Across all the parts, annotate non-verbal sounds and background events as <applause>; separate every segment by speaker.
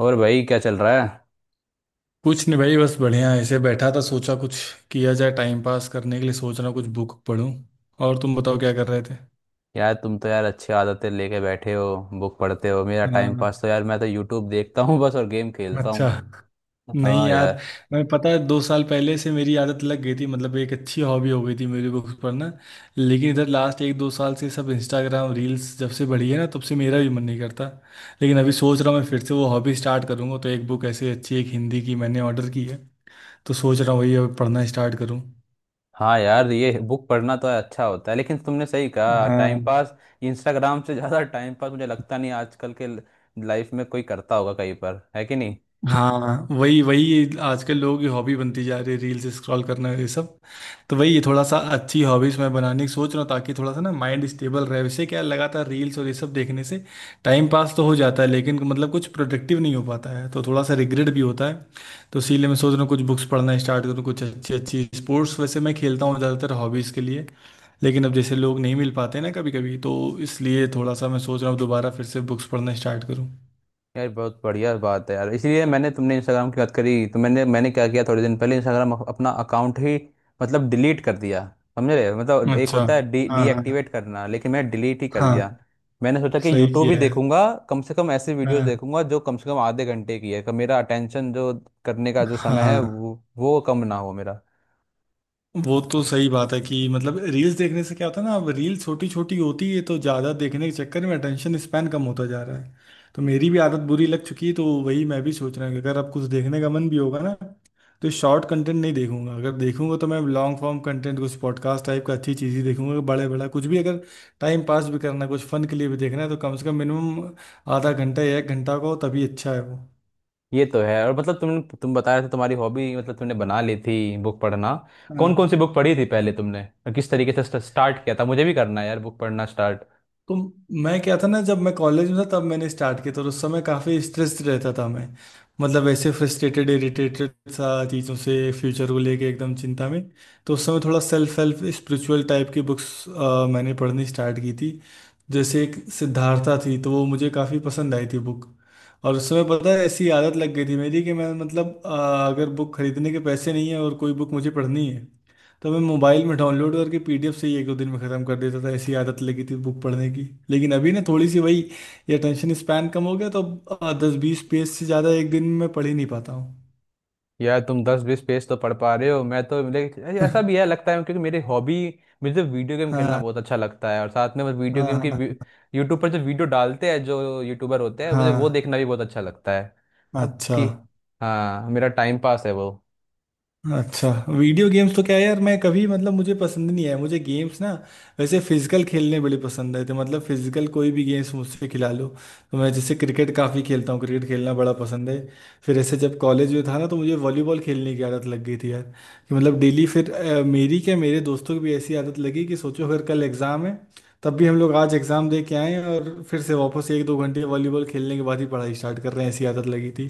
Speaker 1: और भाई क्या चल रहा है?
Speaker 2: कुछ नहीं भाई। बस बढ़िया ऐसे बैठा था, सोचा कुछ किया जाए टाइम पास करने के लिए। सोच रहा हूँ कुछ बुक पढूं। और तुम बताओ क्या कर रहे थे?
Speaker 1: यार तुम तो यार अच्छी आदतें लेके बैठे हो, बुक पढ़ते हो। मेरा टाइम
Speaker 2: हाँ।
Speaker 1: पास तो यार, मैं तो यूट्यूब देखता हूँ <laughs> बस, और गेम खेलता
Speaker 2: अच्छा।
Speaker 1: हूँ।
Speaker 2: नहीं
Speaker 1: हाँ यार।
Speaker 2: यार। मैं पता है 2 साल पहले से मेरी आदत लग गई थी। मतलब एक अच्छी हॉबी हो गई थी मेरी बुक्स पढ़ना। लेकिन इधर लास्ट 1-2 साल से सब इंस्टाग्राम रील्स जब से बढ़ी है ना, तब से मेरा भी मन नहीं करता। लेकिन अभी सोच रहा हूँ मैं फिर से वो हॉबी स्टार्ट करूँगा, तो एक बुक ऐसी अच्छी, एक हिंदी की मैंने ऑर्डर की है। तो सोच रहा हूँ वही अब पढ़ना स्टार्ट करूँ।
Speaker 1: हाँ यार, ये बुक पढ़ना तो अच्छा होता है, लेकिन तुमने सही कहा टाइम
Speaker 2: हाँ।
Speaker 1: पास। इंस्टाग्राम से ज़्यादा टाइम पास मुझे लगता नहीं आजकल के लाइफ में कोई करता होगा, कहीं पर है कि नहीं।
Speaker 2: हाँ, वही वही आजकल लोगों की हॉबी बनती जा रही है, रील्स स्क्रॉल करना ये सब। तो वही थोड़ा सा अच्छी हॉबीज मैं बनाने की सोच रहा हूँ, ताकि थोड़ा सा ना माइंड स्टेबल रहे, वैसे क्या, लगातार रील्स और ये सब देखने से टाइम पास तो हो जाता है, लेकिन मतलब कुछ प्रोडक्टिव नहीं हो पाता है, तो थोड़ा सा रिग्रेट भी होता है। तो इसीलिए मैं सोच रहा हूँ कुछ बुक्स पढ़ना स्टार्ट करूँ। कुछ अच्छी अच्छी स्पोर्ट्स वैसे मैं खेलता हूँ ज़्यादातर हॉबीज़ के लिए। लेकिन अब जैसे लोग नहीं मिल पाते ना कभी कभी, तो इसलिए थोड़ा सा मैं सोच रहा हूँ दोबारा फिर से बुक्स पढ़ना स्टार्ट करूँ।
Speaker 1: यार बहुत बढ़िया बात है यार, इसलिए मैंने, तुमने इंस्टाग्राम की बात करी तो मैंने मैंने क्या किया, थोड़े दिन पहले इंस्टाग्राम अपना अकाउंट ही मतलब डिलीट कर दिया। समझ रहे हो? मतलब एक
Speaker 2: अच्छा।
Speaker 1: होता है डी
Speaker 2: हाँ, हाँ।
Speaker 1: डीएक्टिवेट करना, लेकिन मैंने डिलीट ही कर
Speaker 2: हाँ,
Speaker 1: दिया। मैंने सोचा कि
Speaker 2: सही
Speaker 1: यूट्यूब
Speaker 2: किया
Speaker 1: भी
Speaker 2: है।
Speaker 1: देखूंगा, कम से कम ऐसी वीडियोस
Speaker 2: हाँ।
Speaker 1: देखूंगा जो कम से कम आधे घंटे की है, कि मेरा अटेंशन जो करने का जो समय है
Speaker 2: हाँ,
Speaker 1: वो कम ना हो मेरा।
Speaker 2: वो तो सही बात है कि मतलब रील्स देखने से क्या होता है ना, अब रील छोटी छोटी होती है तो ज़्यादा देखने के चक्कर में अटेंशन स्पैन कम होता जा रहा है। तो मेरी भी आदत बुरी लग चुकी है, तो वही मैं भी सोच रहा हूँ कि अगर अब कुछ देखने का मन भी होगा ना, तो शॉर्ट कंटेंट नहीं देखूंगा। अगर देखूंगा तो मैं लॉन्ग फॉर्म कंटेंट, कुछ पॉडकास्ट टाइप का, अच्छी चीज़ ही देखूंगा। बड़े बड़ा कुछ भी अगर टाइम पास भी करना है, कुछ फन के लिए भी देखना है, तो कम से कम मिनिमम ½ घंटा या 1 घंटा का हो, तभी अच्छा है वो।
Speaker 1: ये तो है। और मतलब तुम बता रहे थे तुम्हारी हॉबी, मतलब तुमने बना ली थी बुक पढ़ना। कौन कौन
Speaker 2: हाँ।
Speaker 1: सी बुक पढ़ी थी पहले तुमने, और किस तरीके से स्टार्ट किया था? मुझे भी करना है यार बुक पढ़ना स्टार्ट।
Speaker 2: तो मैं क्या था ना, जब मैं कॉलेज में था तब मैंने स्टार्ट किया था, और उस समय काफ़ी स्ट्रेस्ड रहता था मैं। मतलब ऐसे फ्रस्ट्रेटेड, इरिटेटेड सा चीज़ों से, फ्यूचर को लेके एकदम चिंता में। तो उस समय थोड़ा सेल्फ हेल्प, स्पिरिचुअल टाइप की बुक्स मैंने पढ़नी स्टार्ट की थी। जैसे एक सिद्धार्था थी, तो वो मुझे काफ़ी पसंद आई थी बुक। और उस समय पता है ऐसी आदत लग गई थी मेरी, कि मैं मतलब अगर बुक खरीदने के पैसे नहीं है और कोई बुक मुझे पढ़नी है, तो मैं मोबाइल में डाउनलोड करके पीडीएफ से ही 1-2 दिन में ख़त्म कर देता था। ऐसी आदत लगी थी बुक पढ़ने की। लेकिन अभी ना थोड़ी सी वही, ये अटेंशन स्पैन कम हो गया, तो अब 10-20 पेज से ज़्यादा एक दिन में पढ़ ही नहीं पाता हूँ।
Speaker 1: यार तुम 10 20 पेज तो पढ़ पा रहे हो, मैं तो, मेरे ऐसा भी है
Speaker 2: <laughs>
Speaker 1: लगता है, क्योंकि मेरी हॉबी, मुझे वीडियो गेम खेलना
Speaker 2: हाँ।
Speaker 1: बहुत अच्छा लगता है, और साथ में मैं वीडियो
Speaker 2: हाँ,
Speaker 1: गेम की
Speaker 2: हाँ।
Speaker 1: यूट्यूब पर जो वीडियो डालते हैं, जो यूट्यूबर होते हैं, मुझे वो
Speaker 2: हाँ।
Speaker 1: देखना भी बहुत अच्छा लगता है।
Speaker 2: हाँ,
Speaker 1: अब
Speaker 2: अच्छा।
Speaker 1: ठीक। हाँ मेरा टाइम पास है वो।
Speaker 2: अच्छा। वीडियो गेम्स तो क्या है यार, मैं कभी मतलब मुझे पसंद नहीं है, मुझे गेम्स ना, वैसे फिजिकल खेलने बड़े पसंद है। तो मतलब फिजिकल कोई भी गेम्स मुझसे खिला लो, तो मैं जैसे क्रिकेट काफ़ी खेलता हूँ, क्रिकेट खेलना बड़ा पसंद है। फिर ऐसे जब कॉलेज में था ना, तो मुझे वॉलीबॉल खेलने की आदत लग गई थी यार। कि मतलब डेली, फिर मेरी क्या, मेरे दोस्तों की भी ऐसी आदत लगी कि सोचो फिर कल एग्ज़ाम है, तब भी हम लोग आज एग्ज़ाम दे के आए और फिर से वापस 1-2 घंटे वॉलीबॉल खेलने के बाद ही पढ़ाई स्टार्ट कर रहे हैं, ऐसी आदत लगी थी।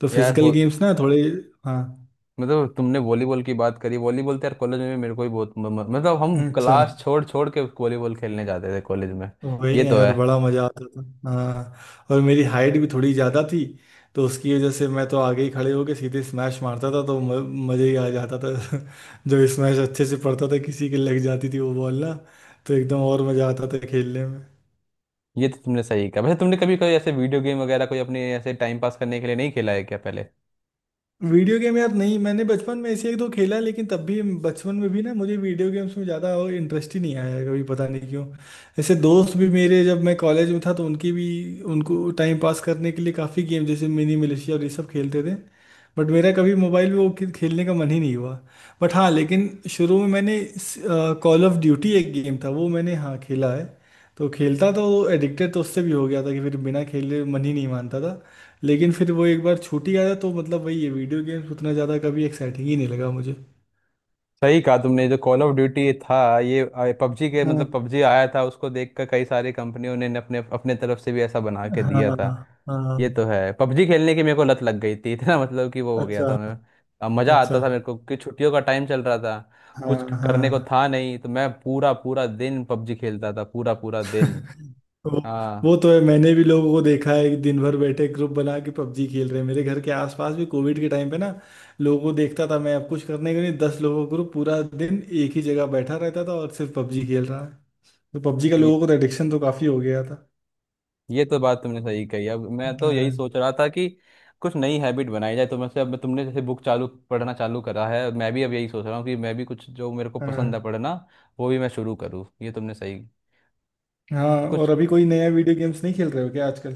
Speaker 2: तो
Speaker 1: यार
Speaker 2: फिजिकल
Speaker 1: हो,
Speaker 2: गेम्स ना थोड़े। हाँ।
Speaker 1: मतलब तुमने वॉलीबॉल की बात करी, वॉलीबॉल तो यार कॉलेज में भी मेरे को भी बहुत, मतलब हम
Speaker 2: अच्छा।
Speaker 1: क्लास छोड़ छोड़ के वॉलीबॉल खेलने जाते थे कॉलेज में।
Speaker 2: वही
Speaker 1: ये
Speaker 2: ना
Speaker 1: तो है।
Speaker 2: यार, बड़ा मजा आता था। हाँ, और मेरी हाइट भी थोड़ी ज्यादा थी, तो उसकी वजह से मैं तो आगे ही खड़े होके सीधे स्मैश मारता था, तो मजे ही आ जाता था। <laughs> जो स्मैश अच्छे से पड़ता था, किसी के लग जाती थी वो बॉल ना, तो एकदम और मजा आता था खेलने में।
Speaker 1: ये तो तुमने सही कहा। वैसे तुमने कभी कोई ऐसे वीडियो गेम वगैरह कोई अपने ऐसे टाइम पास करने के लिए नहीं खेला है क्या पहले?
Speaker 2: वीडियो गेम यार, नहीं मैंने बचपन में ऐसे एक दो खेला, लेकिन तब भी बचपन में भी ना मुझे वीडियो गेम्स में ज़्यादा इंटरेस्ट ही नहीं आया कभी, पता नहीं क्यों। ऐसे दोस्त भी मेरे, जब मैं कॉलेज में था तो उनकी भी, उनको टाइम पास करने के लिए काफ़ी गेम जैसे मिनी मिलिशिया और ये सब खेलते थे। बट मेरा कभी मोबाइल में वो खेलने का मन ही नहीं हुआ। बट हाँ, लेकिन शुरू में मैंने, कॉल ऑफ ड्यूटी एक गेम था वो, मैंने हाँ खेला है। तो खेलता तो, एडिक्टेड तो उससे भी हो गया था, कि फिर बिना खेले मन ही नहीं मानता था। लेकिन फिर वो एक बार छूट ही गया था, तो मतलब वही ये वीडियो गेम्स उतना ज़्यादा कभी एक्साइटिंग ही नहीं लगा मुझे।
Speaker 1: सही कहा तुमने जो कॉल ऑफ ड्यूटी था ये, पबजी के
Speaker 2: हाँ।
Speaker 1: मतलब पबजी आया था, उसको देखकर कई सारी कंपनियों ने अपने अपने तरफ से भी ऐसा बना के दिया था।
Speaker 2: हाँ। हाँ।
Speaker 1: ये तो है, पबजी खेलने की मेरे को लत लग गई थी <laughs> इतना, मतलब कि वो हो गया
Speaker 2: अच्छा।
Speaker 1: था मैं। अब मज़ा
Speaker 2: अच्छा।
Speaker 1: आता था मेरे को कि छुट्टियों का टाइम चल रहा था,
Speaker 2: हाँ,
Speaker 1: कुछ करने को
Speaker 2: हाँ।
Speaker 1: था नहीं, तो मैं पूरा पूरा दिन पबजी खेलता था, पूरा पूरा दिन।
Speaker 2: <laughs> वो
Speaker 1: हाँ।
Speaker 2: वो तो है, मैंने भी लोगों को देखा है कि दिन भर बैठे ग्रुप बना के पबजी खेल रहे हैं। मेरे घर के आसपास भी कोविड के टाइम पे ना, लोगों को देखता था मैं, अब कुछ करने के लिए 10 लोगों का ग्रुप पूरा दिन एक ही जगह बैठा रहता था और सिर्फ पबजी खेल रहा है। तो पबजी का
Speaker 1: ये
Speaker 2: लोगों को तो एडिक्शन तो काफ़ी हो गया।
Speaker 1: ये तो बात तुमने सही कही। अब मैं तो यही
Speaker 2: हाँ।
Speaker 1: सोच रहा था कि कुछ नई हैबिट बनाई जाए, तो से अब तुमने जैसे बुक चालू पढ़ना चालू करा है, मैं भी अब यही सोच रहा हूँ कि मैं भी कुछ जो मेरे को पसंद है
Speaker 2: हाँ।
Speaker 1: पढ़ना, वो भी मैं शुरू करूँ, ये तुमने सही
Speaker 2: हाँ,
Speaker 1: कुछ।
Speaker 2: और अभी कोई नया वीडियो गेम्स नहीं खेल रहे हो क्या आजकल?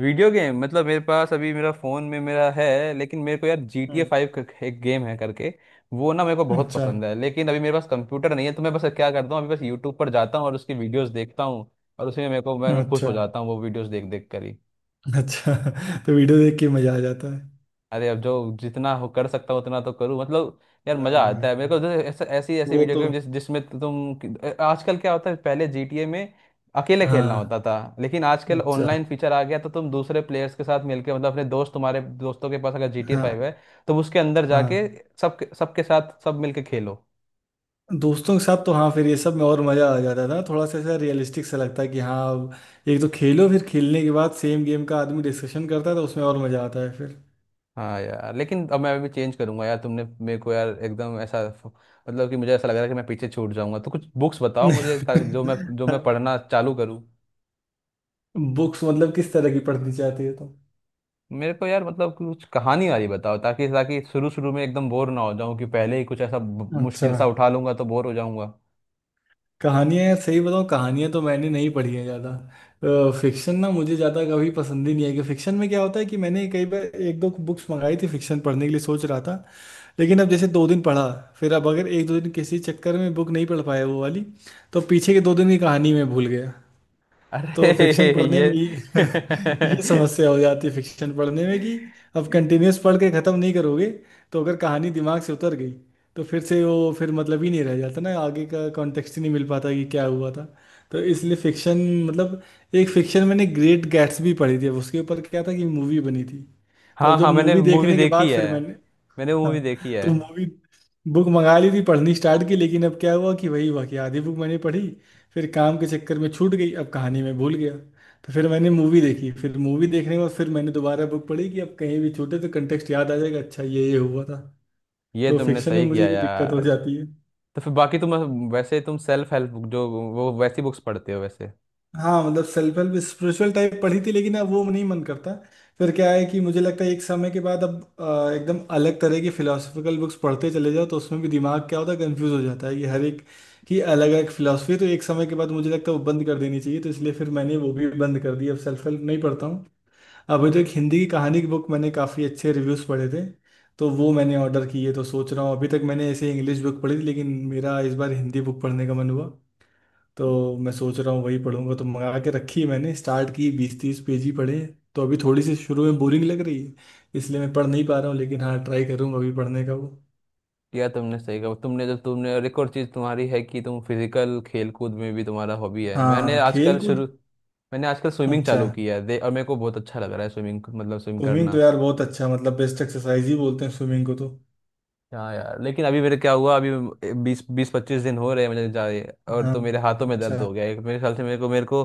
Speaker 1: वीडियो गेम मतलब मेरे पास अभी मेरा फ़ोन में मेरा है, लेकिन मेरे को यार G T A
Speaker 2: hmm.
Speaker 1: Five करके एक गेम है करके, वो ना मेरे को बहुत
Speaker 2: अच्छा।
Speaker 1: पसंद है, लेकिन अभी मेरे पास कंप्यूटर नहीं है, तो मैं बस क्या करता हूँ अभी, बस यूट्यूब पर जाता हूँ और उसकी वीडियोस देखता हूँ, और उसी में मेरे को, मैं खुश
Speaker 2: अच्छा।
Speaker 1: हो जाता हूँ वो वीडियोस देख देख कर ही।
Speaker 2: अच्छा। <laughs> तो वीडियो देख के मजा आ जाता है।
Speaker 1: अरे अब जो जितना हो कर सकता हूँ उतना तो करूँ मतलब। यार मजा आता है मेरे को,
Speaker 2: हाँ,
Speaker 1: जैसे ऐसे ऐसी ऐसी
Speaker 2: वो
Speaker 1: वीडियो
Speaker 2: तो।
Speaker 1: गेम, जिसमें तुम आजकल क्या होता है, पहले जीटीए में अकेले खेलना
Speaker 2: हाँ,
Speaker 1: होता था, लेकिन आजकल
Speaker 2: अच्छा।
Speaker 1: ऑनलाइन फीचर आ गया, तो तुम दूसरे प्लेयर्स के साथ मिलके, मतलब अपने दोस्त, तुम्हारे दोस्तों के पास अगर जीटीए
Speaker 2: हाँ।
Speaker 1: फाइव है तो उसके अंदर जाके,
Speaker 2: हाँ,
Speaker 1: सब सबके साथ सब मिलके खेलो।
Speaker 2: दोस्तों के साथ तो हाँ, फिर ये सब में और मजा आ जाता था। थोड़ा सा ऐसा रियलिस्टिक सा लगता है कि हाँ अब एक तो खेलो, फिर खेलने के बाद सेम गेम का आदमी डिस्कशन करता है, तो उसमें और मजा आता है फिर।
Speaker 1: हाँ यार, लेकिन अब मैं अभी चेंज करूंगा यार, तुमने मेरे को यार एकदम ऐसा, मतलब कि मुझे ऐसा लग रहा है कि मैं पीछे छूट जाऊंगा, तो कुछ बुक्स बताओ मुझे ताकि जो मैं पढ़ना चालू करूँ।
Speaker 2: <laughs> बुक्स मतलब किस तरह की पढ़नी चाहती है तुम?
Speaker 1: मेरे को यार मतलब कुछ कहानी वाली बताओ, ताकि ताकि शुरू शुरू में एकदम बोर ना हो जाऊं कि पहले ही कुछ ऐसा,
Speaker 2: अच्छा।
Speaker 1: मुश्किल सा उठा लूंगा तो बोर हो जाऊंगा।
Speaker 2: कहानियाँ, सही बताऊँ, कहानियाँ तो मैंने नहीं पढ़ी है ज़्यादा। फिक्शन ना मुझे ज़्यादा कभी पसंद ही नहीं है, कि फिक्शन में क्या होता है कि मैंने कई बार एक दो बुक्स मंगाई थी फिक्शन पढ़ने के लिए, सोच रहा था। लेकिन अब जैसे 2 दिन पढ़ा, फिर अब अगर 1-2 दिन किसी चक्कर में बुक नहीं पढ़ पाया वो वाली, तो पीछे के 2 दिन की कहानी मैं भूल गया।
Speaker 1: अरे
Speaker 2: तो फिक्शन
Speaker 1: <laughs>
Speaker 2: पढ़ने
Speaker 1: ये
Speaker 2: में ये <laughs> ये
Speaker 1: <laughs>
Speaker 2: समस्या हो जाती है फिक्शन पढ़ने में, कि अब कंटिन्यूस पढ़ के ख़त्म नहीं करोगे, तो अगर कहानी दिमाग से उतर गई, तो फिर से वो फिर मतलब ही नहीं रह जाता ना, आगे का कॉन्टेक्स्ट ही नहीं मिल पाता कि क्या हुआ था। तो इसलिए फिक्शन मतलब, एक फिक्शन मैंने ग्रेट गैट्सबी पढ़ी थी। अब उसके ऊपर क्या था कि मूवी बनी थी। तो अब
Speaker 1: हाँ
Speaker 2: जब
Speaker 1: हाँ, मैंने
Speaker 2: मूवी
Speaker 1: मूवी
Speaker 2: देखने के
Speaker 1: देखी
Speaker 2: बाद
Speaker 1: है।
Speaker 2: फिर मैंने,
Speaker 1: मैंने मूवी देखी
Speaker 2: हाँ,
Speaker 1: है।
Speaker 2: तो मूवी, बुक मंगा ली थी, पढ़नी स्टार्ट की। लेकिन अब क्या हुआ कि वही हुआ, कि आधी बुक मैंने पढ़ी, फिर काम के चक्कर में छूट गई, अब कहानी में भूल गया। तो फिर मैंने मूवी देखी, फिर मूवी देखने के बाद फिर मैंने दोबारा बुक पढ़ी कि अब कहीं भी छूटे तो कंटेक्स्ट याद आ जाएगा, अच्छा ये हुआ था।
Speaker 1: ये
Speaker 2: तो
Speaker 1: तुमने
Speaker 2: फिक्शन में
Speaker 1: सही
Speaker 2: मुझे
Speaker 1: किया
Speaker 2: ये दिक्कत हो
Speaker 1: यार।
Speaker 2: जाती है।
Speaker 1: तो फिर बाकी तुम, वैसे तुम सेल्फ हेल्प बुक जो, वो वैसी बुक्स पढ़ते हो वैसे?
Speaker 2: हाँ, मतलब सेल्फ हेल्प स्पिरिचुअल टाइप पढ़ी थी, लेकिन अब वो नहीं मन करता। फिर क्या है कि मुझे लगता है एक समय के बाद अब एकदम अलग तरह की फिलोसफिकल बुक्स पढ़ते चले जाओ, तो उसमें भी दिमाग क्या होता है, कंफ्यूज हो जाता है कि हर एक की अलग अलग फिलोसफी। तो एक समय के बाद मुझे लगता है वो बंद कर देनी चाहिए, तो इसलिए फिर मैंने वो भी बंद कर दी, अब सेल्फ हेल्प नहीं पढ़ता हूँ। अभी तो एक हिंदी की कहानी की बुक मैंने काफ़ी अच्छे रिव्यूज़ पढ़े थे, तो वो मैंने ऑर्डर की है। तो सोच रहा हूँ, अभी तक मैंने ऐसे इंग्लिश बुक पढ़ी थी, लेकिन मेरा इस बार हिंदी बुक पढ़ने का मन हुआ, तो मैं सोच रहा हूँ वही पढ़ूंगा। तो मंगा के रखी है मैंने, स्टार्ट की, 20-30 पेज ही पढ़े, तो अभी थोड़ी सी शुरू में बोरिंग लग रही है, इसलिए मैं पढ़ नहीं पा रहा हूँ। लेकिन हाँ, ट्राई करूंगा अभी पढ़ने का वो।
Speaker 1: या तुमने सही कहा, तुमने जब तुमने, और एक और चीज तुम्हारी है कि तुम फिजिकल खेल कूद में भी तुम्हारा हॉबी है। मैंने
Speaker 2: हाँ, खेल
Speaker 1: आजकल
Speaker 2: कूद।
Speaker 1: शुरू, मैंने आजकल स्विमिंग
Speaker 2: अच्छा।
Speaker 1: चालू किया है दे, और मेरे को बहुत अच्छा लग रहा है स्विमिंग, मतलब स्विम
Speaker 2: स्विमिंग तो
Speaker 1: करना।
Speaker 2: यार बहुत अच्छा, मतलब बेस्ट एक्सरसाइज ही बोलते हैं स्विमिंग को तो।
Speaker 1: हाँ यार, लेकिन अभी मेरे क्या हुआ अभी, 20 20 25 दिन हो रहे हैं मुझे जाए, और
Speaker 2: हाँ।
Speaker 1: तो मेरे हाथों में
Speaker 2: अच्छा।
Speaker 1: दर्द हो गया है, मेरे ख्याल से मेरे को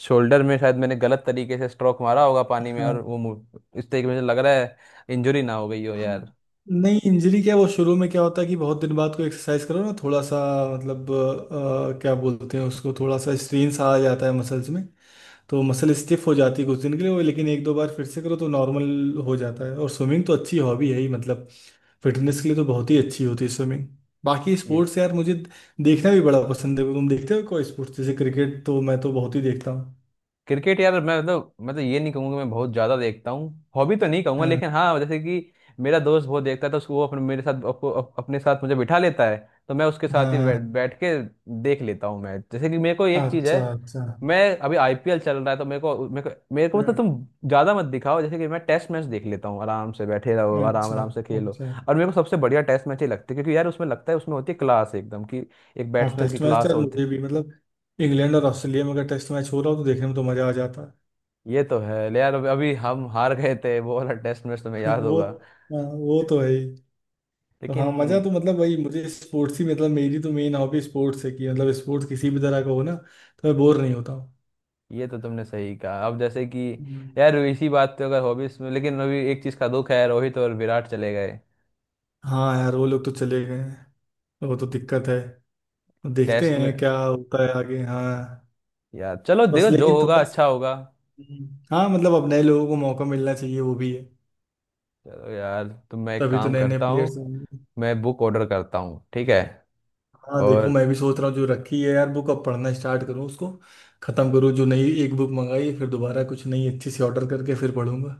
Speaker 1: शोल्डर में शायद मैंने गलत तरीके से स्ट्रोक मारा होगा पानी में, और
Speaker 2: हाँ।
Speaker 1: वो, इस तरीके से मुझे लग रहा है इंजरी ना हो गई हो यार।
Speaker 2: नहीं, इंजरी क्या, वो शुरू में क्या होता है कि बहुत दिन बाद कोई एक्सरसाइज करो ना, थोड़ा सा मतलब क्या बोलते हैं उसको, थोड़ा सा स्ट्रेन सा आ जाता है मसल्स में, तो मसल स्टिफ हो जाती है कुछ दिन के लिए वो। लेकिन 1-2 बार फिर से करो तो नॉर्मल हो जाता है, और स्विमिंग तो अच्छी हॉबी है ही मतलब, फिटनेस के लिए तो बहुत ही अच्छी होती है स्विमिंग। बाकी स्पोर्ट्स यार मुझे देखना भी बड़ा पसंद है। तुम देखते हो कोई स्पोर्ट्स? जैसे क्रिकेट तो मैं तो बहुत ही देखता हूँ।
Speaker 1: क्रिकेट यार मैं मतलब, मैं तो ये नहीं कहूँगा मैं बहुत ज़्यादा देखता हूँ, हॉबी तो नहीं कहूँगा,
Speaker 2: हाँ।
Speaker 1: लेकिन हाँ, जैसे कि मेरा दोस्त बहुत देखता है तो उसको वो अपने मेरे साथ, अपने साथ मुझे बिठा लेता है, तो मैं उसके साथ ही
Speaker 2: हाँ।
Speaker 1: बैठ बैठ के देख लेता हूँ मैं, जैसे कि मेरे को एक चीज़ है,
Speaker 2: अच्छा, अच्छा।
Speaker 1: मैं, अभी आईपीएल चल रहा है तो मेरे को मतलब,
Speaker 2: हम्म।
Speaker 1: तुम ज़्यादा मत दिखाओ, जैसे कि मैं टेस्ट मैच देख लेता हूँ, आराम से बैठे रहो, आराम
Speaker 2: अच्छा,
Speaker 1: आराम से खेलो।
Speaker 2: अच्छा।
Speaker 1: और मेरे को सबसे बढ़िया टेस्ट मैच ही लगते हैं, क्योंकि यार उसमें लगता है, उसमें होती है क्लास एकदम, कि एक
Speaker 2: हाँ,
Speaker 1: बैट्समैन की
Speaker 2: टेस्ट मैच तो
Speaker 1: क्लास
Speaker 2: यार
Speaker 1: होती।
Speaker 2: मुझे भी मतलब, इंग्लैंड और ऑस्ट्रेलिया में अगर टेस्ट मैच हो रहा हो तो देखने में तो मज़ा आ जाता
Speaker 1: ये तो है ले यार, अभी अभी हम हार गए थे वो वाला टेस्ट मैच तुम्हें
Speaker 2: है। <laughs>
Speaker 1: याद
Speaker 2: वो
Speaker 1: होगा,
Speaker 2: हाँ, वो तो है ही। तो
Speaker 1: लेकिन।
Speaker 2: हाँ, मजा तो मतलब वही मुझे स्पोर्ट्स ही, मतलब मेरी तो मेन हॉबी स्पोर्ट्स है, कि मतलब स्पोर्ट्स किसी भी तरह का हो ना, तो मैं बोर नहीं होता हूँ।
Speaker 1: ये तो तुमने सही कहा। अब जैसे कि
Speaker 2: हम्म।
Speaker 1: यार इसी बात पे, अगर हॉबीज में, लेकिन अभी एक चीज का दुख है, रोहित और विराट चले गए
Speaker 2: हाँ यार, वो लोग तो चले गए हैं, वो तो दिक्कत है। देखते
Speaker 1: टेस्ट में।
Speaker 2: हैं क्या होता है आगे, हाँ।
Speaker 1: यार चलो
Speaker 2: बस,
Speaker 1: देखो, जो
Speaker 2: लेकिन
Speaker 1: होगा
Speaker 2: थोड़ा सा।
Speaker 1: अच्छा होगा।
Speaker 2: हम्म, हाँ, मतलब अब नए लोगों को मौका मिलना चाहिए, वो भी है।
Speaker 1: चलो यार, तो मैं एक
Speaker 2: तभी तो
Speaker 1: काम
Speaker 2: नए नए
Speaker 1: करता हूँ,
Speaker 2: प्लेयर्स आएंगे।
Speaker 1: मैं बुक ऑर्डर करता हूँ ठीक है,
Speaker 2: हाँ देखो,
Speaker 1: और।
Speaker 2: मैं भी सोच रहा हूँ, जो रखी है यार बुक, अब पढ़ना स्टार्ट करूँ उसको, खत्म करूँ जो नई एक बुक मंगाई है, फिर दोबारा कुछ नई अच्छी सी ऑर्डर करके फिर पढ़ूंगा।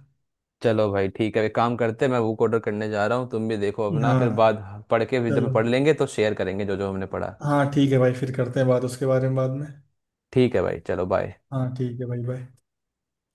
Speaker 1: चलो भाई ठीक है, एक काम करते हैं, मैं बुक ऑर्डर करने जा रहा हूँ, तुम भी देखो अपना, फिर
Speaker 2: हाँ।
Speaker 1: बाद पढ़ के भी, जब
Speaker 2: चलो,
Speaker 1: पढ़ लेंगे तो शेयर करेंगे जो जो हमने पढ़ा।
Speaker 2: हाँ ठीक है भाई, फिर करते हैं बात उसके बारे में बाद में।
Speaker 1: ठीक है भाई, चलो बाय।
Speaker 2: हाँ ठीक है भाई, बाय।